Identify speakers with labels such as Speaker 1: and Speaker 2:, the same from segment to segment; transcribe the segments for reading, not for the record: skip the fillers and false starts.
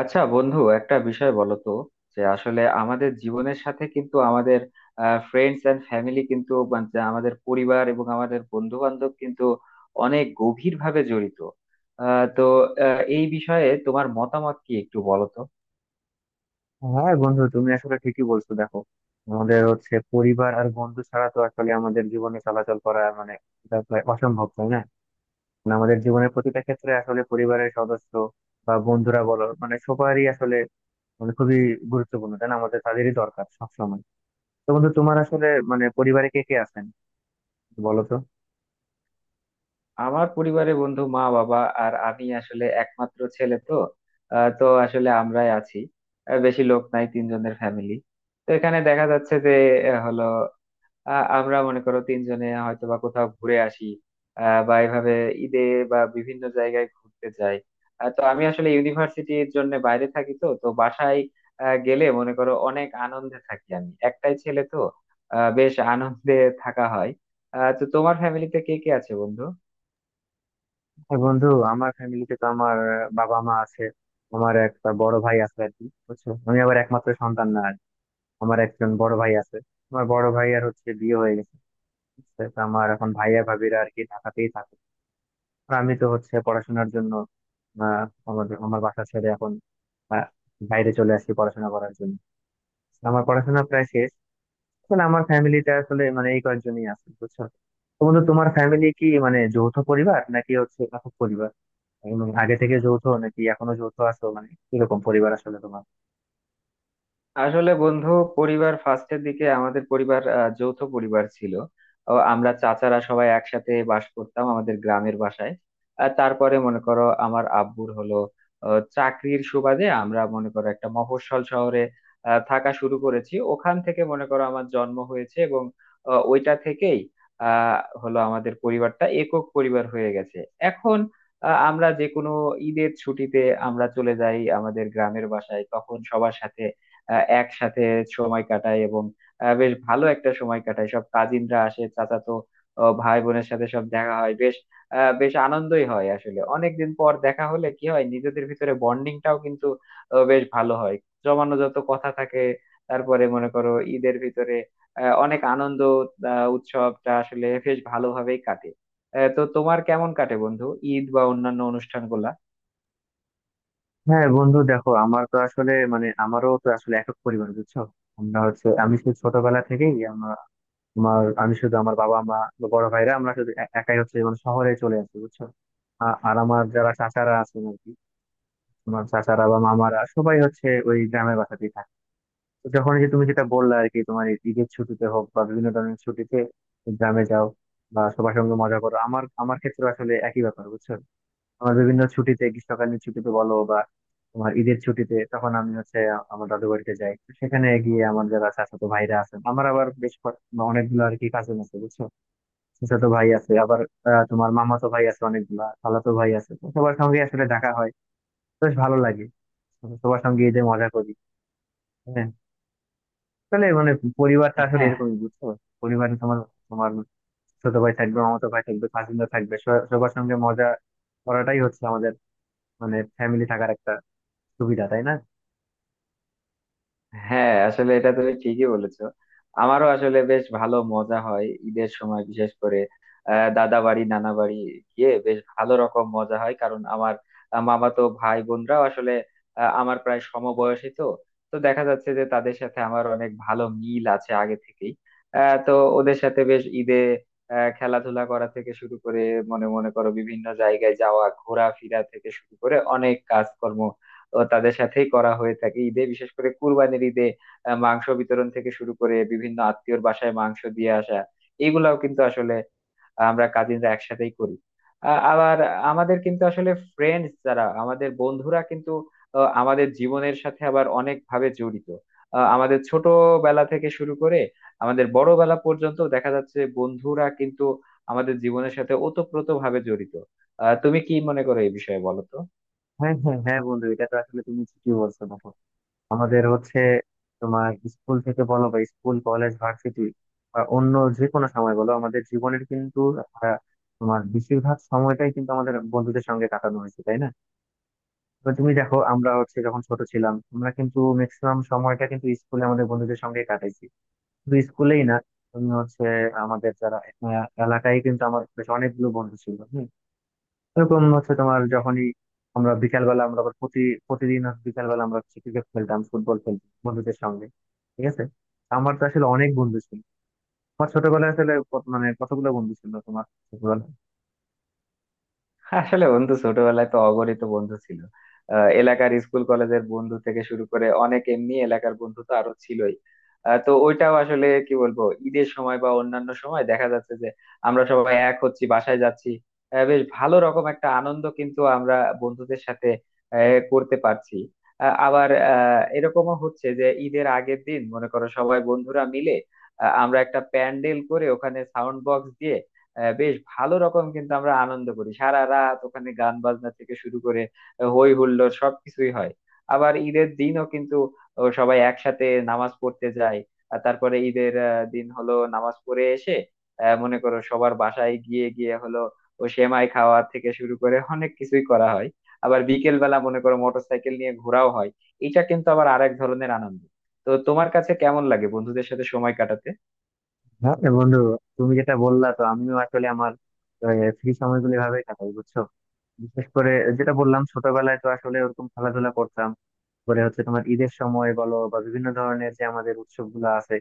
Speaker 1: আচ্ছা বন্ধু, একটা বিষয় বলো তো, যে আসলে আমাদের জীবনের সাথে কিন্তু আমাদের ফ্রেন্ডস এন্ড ফ্যামিলি, কিন্তু মানে যে আমাদের পরিবার এবং আমাদের বন্ধু বান্ধব কিন্তু অনেক গভীর ভাবে জড়িত। তো এই বিষয়ে তোমার মতামত কি একটু বলো তো।
Speaker 2: হ্যাঁ বন্ধু, তুমি আসলে ঠিকই বলছো। দেখো, আমাদের হচ্ছে পরিবার আর বন্ধু ছাড়া তো আসলে আমাদের জীবনে চলাচল করা মানে এটা প্রায় অসম্ভব, তাই না? মানে আমাদের জীবনের প্রতিটা ক্ষেত্রে আসলে পরিবারের সদস্য বা বন্ধুরা বলো, মানে সবারই আসলে মানে খুবই গুরুত্বপূর্ণ, তাই না? আমাদের তাদেরই দরকার সবসময়। তো বন্ধু, তোমার আসলে মানে পরিবারে কে কে আছেন বলো তো।
Speaker 1: আমার পরিবারে বন্ধু মা বাবা, আর আমি আসলে একমাত্র ছেলে তো। তো আসলে আমরাই আছি, বেশি লোক নাই, তিনজনের ফ্যামিলি। তো এখানে দেখা যাচ্ছে যে হলো আমরা মনে করো তিনজনে হয়তো বা কোথাও ঘুরে আসি, বা এভাবে ঈদে বা বিভিন্ন জায়গায় ঘুরতে যাই। তো আমি আসলে ইউনিভার্সিটির জন্য বাইরে থাকি, তো তো বাসায় গেলে মনে করো অনেক আনন্দে থাকি, আমি একটাই ছেলে তো। বেশ আনন্দে থাকা হয়। তো তোমার ফ্যামিলিতে কে কে আছে বন্ধু?
Speaker 2: হ্যাঁ বন্ধু, আমার ফ্যামিলিতে তো আমার বাবা মা আছে, আমার একটা বড় ভাই আছে আর কি। বুঝছো, আমি আবার একমাত্র সন্তান না, আমার একজন বড় ভাই আছে। আমার বড় ভাই আর হচ্ছে বিয়ে হয়ে গেছে, ঠিক আছে? তো আমার এখন ভাইয়া ভাবিরা আর কি ঢাকাতেই থাকে। আর আমি তো হচ্ছে পড়াশোনার জন্য আহ আমাদের আমার বাসা ছেড়ে এখন আহ, বাইরে চলে আসি পড়াশোনা করার জন্য। আমার পড়াশোনা প্রায় শেষ। আসলে আমার ফ্যামিলিতে আসলে মানে এই কয়েকজনই আছে, বুঝছো। তো বন্ধু, তোমার ফ্যামিলি কি মানে যৌথ পরিবার নাকি হচ্ছে একক পরিবার, এবং আগে থেকে যৌথ নাকি এখনো যৌথ আছো, মানে কিরকম পরিবার আসলে তোমার?
Speaker 1: আসলে বন্ধু, পরিবার ফার্স্টের দিকে আমাদের পরিবার যৌথ পরিবার ছিল। ও আমরা চাচারা সবাই একসাথে বাস করতাম আমাদের গ্রামের বাসায়। আর তারপরে মনে করো আমার আব্বুর হলো চাকরির সুবাদে আমরা মনে করো একটা মফস্বল শহরে থাকা শুরু করেছি, ওখান থেকে মনে করো আমার জন্ম হয়েছে, এবং ওইটা থেকেই হলো আমাদের পরিবারটা একক পরিবার হয়ে গেছে। এখন আমরা যে কোনো ঈদের ছুটিতে আমরা চলে যাই আমাদের গ্রামের বাসায়, তখন সবার সাথে একসাথে সময় কাটাই, এবং বেশ ভালো একটা সময় কাটাই। সব কাজিনরা আসে, চাচাতো ভাই বোনের সাথে সব দেখা হয়, বেশ আনন্দই হয়। আসলে অনেকদিন পর দেখা হলে কি হয়, নিজেদের ভিতরে বন্ডিংটাও কিন্তু বেশ ভালো হয়, জমানো যত কথা থাকে। তারপরে মনে করো ঈদের ভিতরে অনেক আনন্দ উৎসবটা আসলে বেশ ভালোভাবেই কাটে। তো তোমার কেমন কাটে বন্ধু, ঈদ বা অন্যান্য অনুষ্ঠানগুলা?
Speaker 2: হ্যাঁ বন্ধু, দেখো আমার তো আসলে মানে আমারও তো আসলে একক পরিবার, বুঝছো। আমরা হচ্ছে আমি শুধু ছোটবেলা থেকেই আমরা তোমার আমি শুধু আমার বাবা মা বা বড় ভাইরা আমরা শুধু একাই হচ্ছে মানে শহরে চলে আসি, বুঝছো। আর আমার যারা চাচারা আছেন আর কি তোমার চাচারা বা মামারা সবাই হচ্ছে ওই গ্রামের বাসাতেই থাকে। তো যখন এই যে তুমি যেটা বললা আর কি, তোমার এই ঈদের ছুটিতে হোক বা বিভিন্ন ধরনের ছুটিতে গ্রামে যাও বা সবার সঙ্গে মজা করো, আমার আমার ক্ষেত্রে আসলে একই ব্যাপার, বুঝছো। আমার বিভিন্ন ছুটিতে গ্রীষ্মকালীন ছুটিতে বলো বা তোমার ঈদের ছুটিতে তখন আমি হচ্ছে আমার দাদু বাড়িতে যাই। তো সেখানে গিয়ে আমার যারা চাচাতো ভাইরা আছেন, আমার আবার অনেকগুলো আর কি কাজিন আছে, বুঝছো। চাচাতো ভাই আছে, আবার তোমার মামাতো ভাই আছে অনেকগুলা, খালাতো ভাই আছে। তো সবার সঙ্গে আসলে দেখা হয়, বেশ ভালো লাগে, সবার সঙ্গে ঈদে মজা করি। হ্যাঁ, তাহলে মানে পরিবারটা আসলে
Speaker 1: হ্যাঁ,
Speaker 2: এরকমই, বুঝছো। পরিবারে তোমার তোমার ছোট ভাই থাকবে, মামাতো ভাই থাকবে, কাজিনরা থাকবে, সবার সবার সঙ্গে মজা করাটাই হচ্ছে আমাদের মানে ফ্যামিলি থাকার একটা সুবিধা, তাই না?
Speaker 1: হ্যাঁ, আসলে এটা তুমি ঠিকই বলেছো। আমারও আসলে বেশ ভালো মজা হয় ঈদের সময়, বিশেষ করে দাদা বাড়ি নানা বাড়ি গিয়ে বেশ ভালো রকম মজা হয়, কারণ আমার মামাতো ভাই বোনরাও আসলে আমার প্রায় সমবয়সী তো। তো দেখা যাচ্ছে যে তাদের সাথে আমার অনেক ভালো মিল আছে আগে থেকেই। তো ওদের সাথে বেশ ঈদে খেলাধুলা করা থেকে শুরু করে মনে মনে করো বিভিন্ন জায়গায় যাওয়া, ঘোরাফেরা থেকে শুরু করে অনেক কাজকর্ম তো তাদের সাথেই করা হয়ে থাকে ঈদে, বিশেষ করে কুরবানির ঈদে মাংস বিতরণ থেকে শুরু করে বিভিন্ন আত্মীয়র বাসায় মাংস দিয়ে আসা, এইগুলাও কিন্তু আসলে আমরা কাজিনরা একসাথেই করি। আবার আমাদের কিন্তু আসলে ফ্রেন্ডস যারা, আমাদের বন্ধুরা কিন্তু আমাদের জীবনের সাথে আবার অনেক ভাবে জড়িত। আমাদের ছোটবেলা থেকে শুরু করে আমাদের বড়বেলা পর্যন্ত দেখা যাচ্ছে বন্ধুরা কিন্তু আমাদের জীবনের সাথে ওতপ্রোত ভাবে জড়িত। তুমি কি মনে করো এই বিষয়ে বলো তো?
Speaker 2: হ্যাঁ হ্যাঁ হ্যাঁ বন্ধু, এটা তো আসলে তুমি ঠিকই বলছো। দেখো, আমাদের হচ্ছে তোমার স্কুল থেকে বলো বা স্কুল কলেজ ভার্সিটি বা অন্য যে কোনো সময় বলো, আমাদের জীবনের কিন্তু আহ, তোমার বেশিরভাগ সময়টাই কিন্তু আমাদের বন্ধুদের সঙ্গে কাটানো হয়েছে, তাই না? তো তুমি দেখো আমরা হচ্ছে যখন ছোট ছিলাম, আমরা কিন্তু ম্যাক্সিমাম সময়টা কিন্তু স্কুলে আমাদের বন্ধুদের সঙ্গে কাটাইছি। শুধু স্কুলেই না, তুমি হচ্ছে আমাদের যারা এলাকায় কিন্তু আমার বেশ অনেকগুলো বন্ধু ছিল। এরকম হচ্ছে তোমার যখনই আমরা বিকালবেলা, আমরা আবার প্রতিদিন হচ্ছে বিকালবেলা আমরা হচ্ছে ক্রিকেট খেলতাম, ফুটবল খেলতাম বন্ধুদের সঙ্গে, ঠিক আছে। আমার তো আসলে অনেক বন্ধু ছিল আমার ছোটবেলায়। আসলে মানে কতগুলো বন্ধু ছিল তোমার ছোটবেলায়?
Speaker 1: আসলে বন্ধু ছোটবেলায় তো অগণিত বন্ধু ছিল, এলাকার স্কুল কলেজের বন্ধু থেকে শুরু করে অনেক, এমনি এলাকার বন্ধু তো আরো ছিলই। তো ওইটাও আসলে কি বলবো, ঈদের সময় বা অন্যান্য সময় দেখা যাচ্ছে যে আমরা সবাই এক হচ্ছি, বাসায় যাচ্ছি, বেশ ভালো রকম একটা আনন্দ কিন্তু আমরা বন্ধুদের সাথে করতে পারছি। আবার এরকমও হচ্ছে যে ঈদের আগের দিন মনে করো সবাই বন্ধুরা মিলে আমরা একটা প্যান্ডেল করে ওখানে সাউন্ড বক্স দিয়ে বেশ ভালো রকম কিন্তু আমরা আনন্দ করি সারা রাত, ওখানে গান বাজনা থেকে শুরু করে হই হুল্লোড় সবকিছুই হয়। আবার ঈদের দিনও কিন্তু, ও, সবাই একসাথে নামাজ পড়তে যায়। আর তারপরে ঈদের দিন হলো নামাজ পড়ে এসে মনে করো সবার বাসায় গিয়ে গিয়ে হলো, ও সেমাই খাওয়া থেকে শুরু করে অনেক কিছুই করা হয়। আবার বিকেল বেলা মনে করো মোটরসাইকেল নিয়ে ঘোরাও হয়, এটা কিন্তু আবার আরেক ধরনের আনন্দ। তো তোমার কাছে কেমন লাগে বন্ধুদের সাথে সময় কাটাতে?
Speaker 2: হ্যাঁ এ বন্ধু, তুমি যেটা বললা তো আমিও আসলে আমার ফ্রি সময়গুলো এভাবে কাটাই, বুঝছো। বিশেষ করে, যেটা বললাম ছোটবেলায় তো আসলে ওরকম খেলাধুলা করতাম। পরে হচ্ছে তোমার ঈদের সময় বলো বা বিভিন্ন ধরনের যে আমাদের উৎসবগুলো আছে,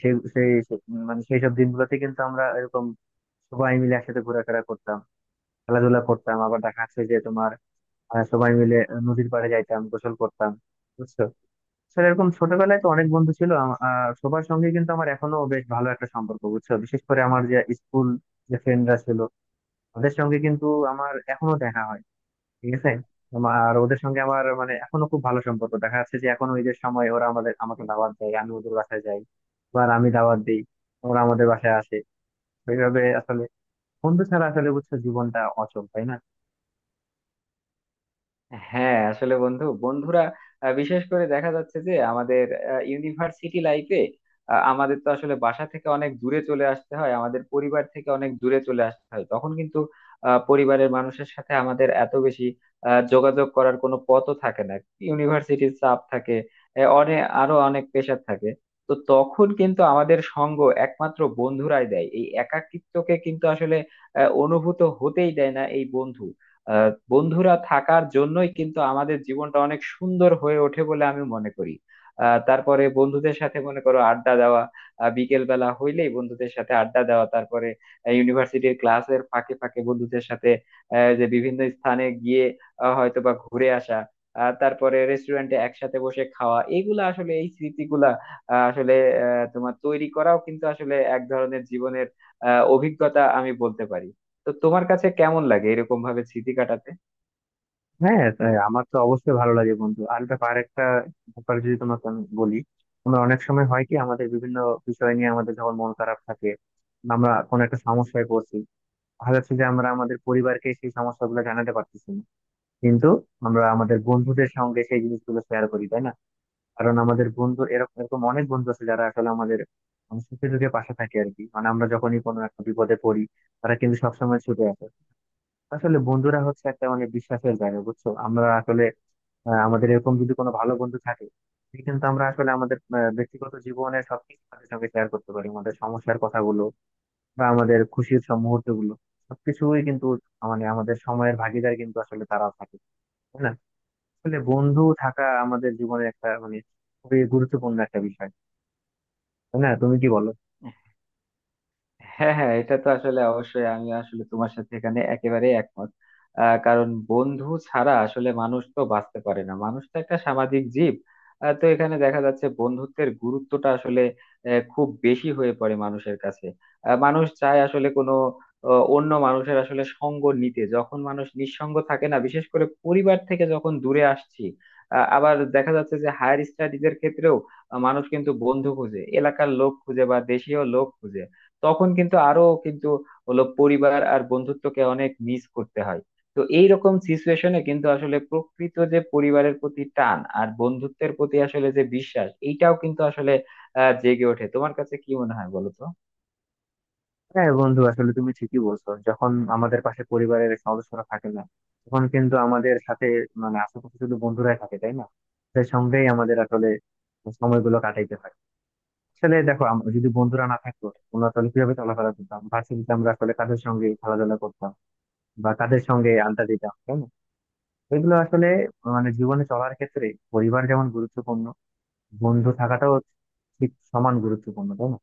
Speaker 2: সেই সেই সে- মানে সেই সব দিনগুলোতে কিন্তু আমরা এরকম সবাই মিলে একসাথে ঘোরাফেরা করতাম, খেলাধুলা করতাম। আবার দেখা যাচ্ছে যে তোমার সবাই মিলে নদীর পাড়ে যাইতাম, গোসল করতাম, বুঝছো। আসলে এরকম ছোটবেলায় তো অনেক বন্ধু ছিল। সবার সঙ্গে কিন্তু আমার এখনো বেশ ভালো একটা সম্পর্ক, বুঝছো। বিশেষ করে আমার যে স্কুল, যে ফ্রেন্ডরা ছিল, ওদের সঙ্গে কিন্তু আমার এখনো দেখা হয়, ঠিক আছে। আর ওদের সঙ্গে আমার মানে এখনো খুব ভালো সম্পর্ক। দেখা যাচ্ছে যে এখন ওই যে সময় ওরা আমাদের আমাকে দাওয়াত দেয়, আমি ওদের বাসায় যাই, বা আমি দাওয়াত দিই, ওরা আমাদের বাসায় আসে। ওইভাবে আসলে বন্ধু ছাড়া আসলে বুঝছো জীবনটা অচল, তাই না?
Speaker 1: হ্যাঁ, আসলে বন্ধু, বন্ধুরা বিশেষ করে দেখা যাচ্ছে যে আমাদের ইউনিভার্সিটি লাইফে আমাদের তো আসলে বাসা থেকে অনেক দূরে চলে আসতে হয়, আমাদের পরিবার থেকে অনেক দূরে চলে আসতে হয়, তখন কিন্তু পরিবারের মানুষের সাথে আমাদের এত বেশি যোগাযোগ করার কোনো পথও থাকে না। ইউনিভার্সিটির চাপ থাকে, অনেক আরো অনেক প্রেশার থাকে। তো তখন কিন্তু আমাদের সঙ্গ একমাত্র বন্ধুরাই দেয়, এই একাকিত্বকে কিন্তু আসলে অনুভূত হতেই দেয় না। এই বন্ধু বন্ধুরা থাকার জন্যই কিন্তু আমাদের জীবনটা অনেক সুন্দর হয়ে ওঠে বলে আমি মনে করি। তারপরে বন্ধুদের সাথে মনে করো আড্ডা দেওয়া, বিকেল বেলা হইলেই বন্ধুদের সাথে আড্ডা দেওয়া, তারপরে ইউনিভার্সিটির ক্লাসের ফাঁকে ফাঁকে বন্ধুদের সাথে যে বিভিন্ন স্থানে গিয়ে হয়তো বা ঘুরে আসা, তারপরে রেস্টুরেন্টে একসাথে বসে খাওয়া, এগুলা আসলে এই স্মৃতিগুলা আসলে তোমার তৈরি করাও কিন্তু আসলে এক ধরনের জীবনের অভিজ্ঞতা আমি বলতে পারি। তো তোমার কাছে কেমন লাগে এরকম ভাবে স্মৃতি কাটাতে?
Speaker 2: হ্যাঁ তাই, আমার তো অবশ্যই ভালো লাগে বন্ধু। আর একটা ব্যাপার যদি তোমাকে আমি বলি, আমরা অনেক সময় হয় কি আমাদের বিভিন্ন বিষয় নিয়ে, আমাদের যখন মন খারাপ থাকে, আমরা কোনো একটা সমস্যায় পড়ছি, দেখা যাচ্ছে যে আমরা আমাদের পরিবারকে সেই সমস্যাগুলো জানাতে পারতেছি না, কিন্তু আমরা আমাদের বন্ধুদের সঙ্গে সেই জিনিসগুলো শেয়ার করি, তাই না? কারণ আমাদের বন্ধু এরকম এরকম অনেক বন্ধু আছে যারা আসলে আমাদের মানে সুখে দুঃখে পাশে থাকে আর কি। মানে আমরা যখনই কোনো একটা বিপদে পড়ি, তারা কিন্তু সবসময় ছুটে আসে। আসলে বন্ধুরা হচ্ছে একটা মানে বিশ্বাসের জায়গা, বুঝছো। আমরা আসলে আমাদের এরকম যদি কোনো ভালো বন্ধু থাকে, তাহলে কিন্তু আমরা আসলে আমাদের ব্যক্তিগত জীবনের সবকিছু তাদের সঙ্গে শেয়ার করতে পারি, আমাদের সমস্যার কথাগুলো বা আমাদের খুশির সব মুহূর্ত গুলো, সবকিছুই কিন্তু মানে আমাদের সময়ের ভাগিদার কিন্তু আসলে তারা থাকে, তাই না? আসলে বন্ধু থাকা আমাদের জীবনে একটা মানে খুবই গুরুত্বপূর্ণ একটা বিষয়, তাই না, তুমি কি বলো?
Speaker 1: হ্যাঁ, হ্যাঁ, এটা তো আসলে অবশ্যই, আমি আসলে তোমার সাথে এখানে একেবারে একমত। কারণ বন্ধু ছাড়া আসলে মানুষ তো বাঁচতে পারে না, মানুষ তো একটা সামাজিক জীব। তো এখানে দেখা যাচ্ছে বন্ধুত্বের গুরুত্বটা আসলে খুব বেশি হয়ে পড়ে মানুষের কাছে। মানুষ চায় আসলে কোনো অন্য মানুষের আসলে সঙ্গ নিতে, যখন মানুষ নিঃসঙ্গ থাকে না, বিশেষ করে পরিবার থেকে যখন দূরে আসছি, আবার দেখা যাচ্ছে যে হায়ার স্টাডিজের ক্ষেত্রেও মানুষ কিন্তু বন্ধু খুঁজে, এলাকার লোক খুঁজে বা দেশীয় লোক খুঁজে, তখন কিন্তু আরো কিন্তু হলো পরিবার আর বন্ধুত্বকে অনেক মিস করতে হয়। তো এইরকম সিচুয়েশনে কিন্তু আসলে প্রকৃত যে পরিবারের প্রতি টান আর বন্ধুত্বের প্রতি আসলে যে বিশ্বাস, এইটাও কিন্তু আসলে জেগে ওঠে। তোমার কাছে কি মনে হয় বলো তো?
Speaker 2: হ্যাঁ বন্ধু, আসলে তুমি ঠিকই বলছো। যখন আমাদের পাশে পরিবারের সদস্যরা থাকে না, তখন কিন্তু আমাদের সাথে মানে আশেপাশে শুধু বন্ধুরাই থাকে, তাই না? তাদের সঙ্গেই আমাদের আসলে সময়গুলো কাটাইতে হয়। আসলে দেখো, আমরা যদি বন্ধুরা না থাকতো, আমরা তাহলে কিভাবে চলাফেরা করতাম ভার্সিটিতে? আমরা আসলে কাদের সঙ্গে খেলাধুলা করতাম বা কাদের সঙ্গে আড্ডা দিতাম, তাই না? এগুলো আসলে মানে জীবনে চলার ক্ষেত্রে পরিবার যেমন গুরুত্বপূর্ণ, বন্ধু থাকাটাও ঠিক সমান গুরুত্বপূর্ণ, তাই না?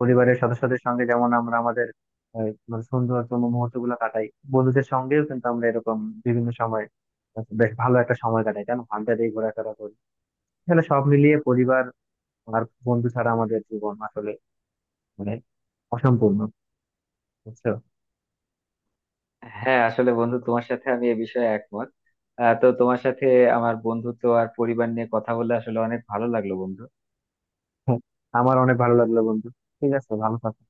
Speaker 2: পরিবারের সদস্যদের সঙ্গে যেমন আমরা আমাদের মানে সুন্দরতম মুহূর্ত গুলো কাটাই, বন্ধুদের সঙ্গেও কিন্তু আমরা এরকম বিভিন্ন সময় বেশ ভালো একটা সময় কাটাই, তাই না, আড্ডা দিয়ে ঘোরাফেরা করি। তাহলে সব মিলিয়ে পরিবার আর বন্ধু ছাড়া আমাদের জীবন আসলে মানে অসম্পূর্ণ, বুঝছো।
Speaker 1: হ্যাঁ, আসলে বন্ধু, তোমার সাথে আমি এ বিষয়ে একমত। তো তোমার সাথে আমার বন্ধুত্ব আর পরিবার নিয়ে কথা বলে আসলে অনেক ভালো লাগলো বন্ধু।
Speaker 2: হ্যাঁ, আমার অনেক ভালো লাগলো বন্ধু। ঠিক আছে, ভালো থাকো।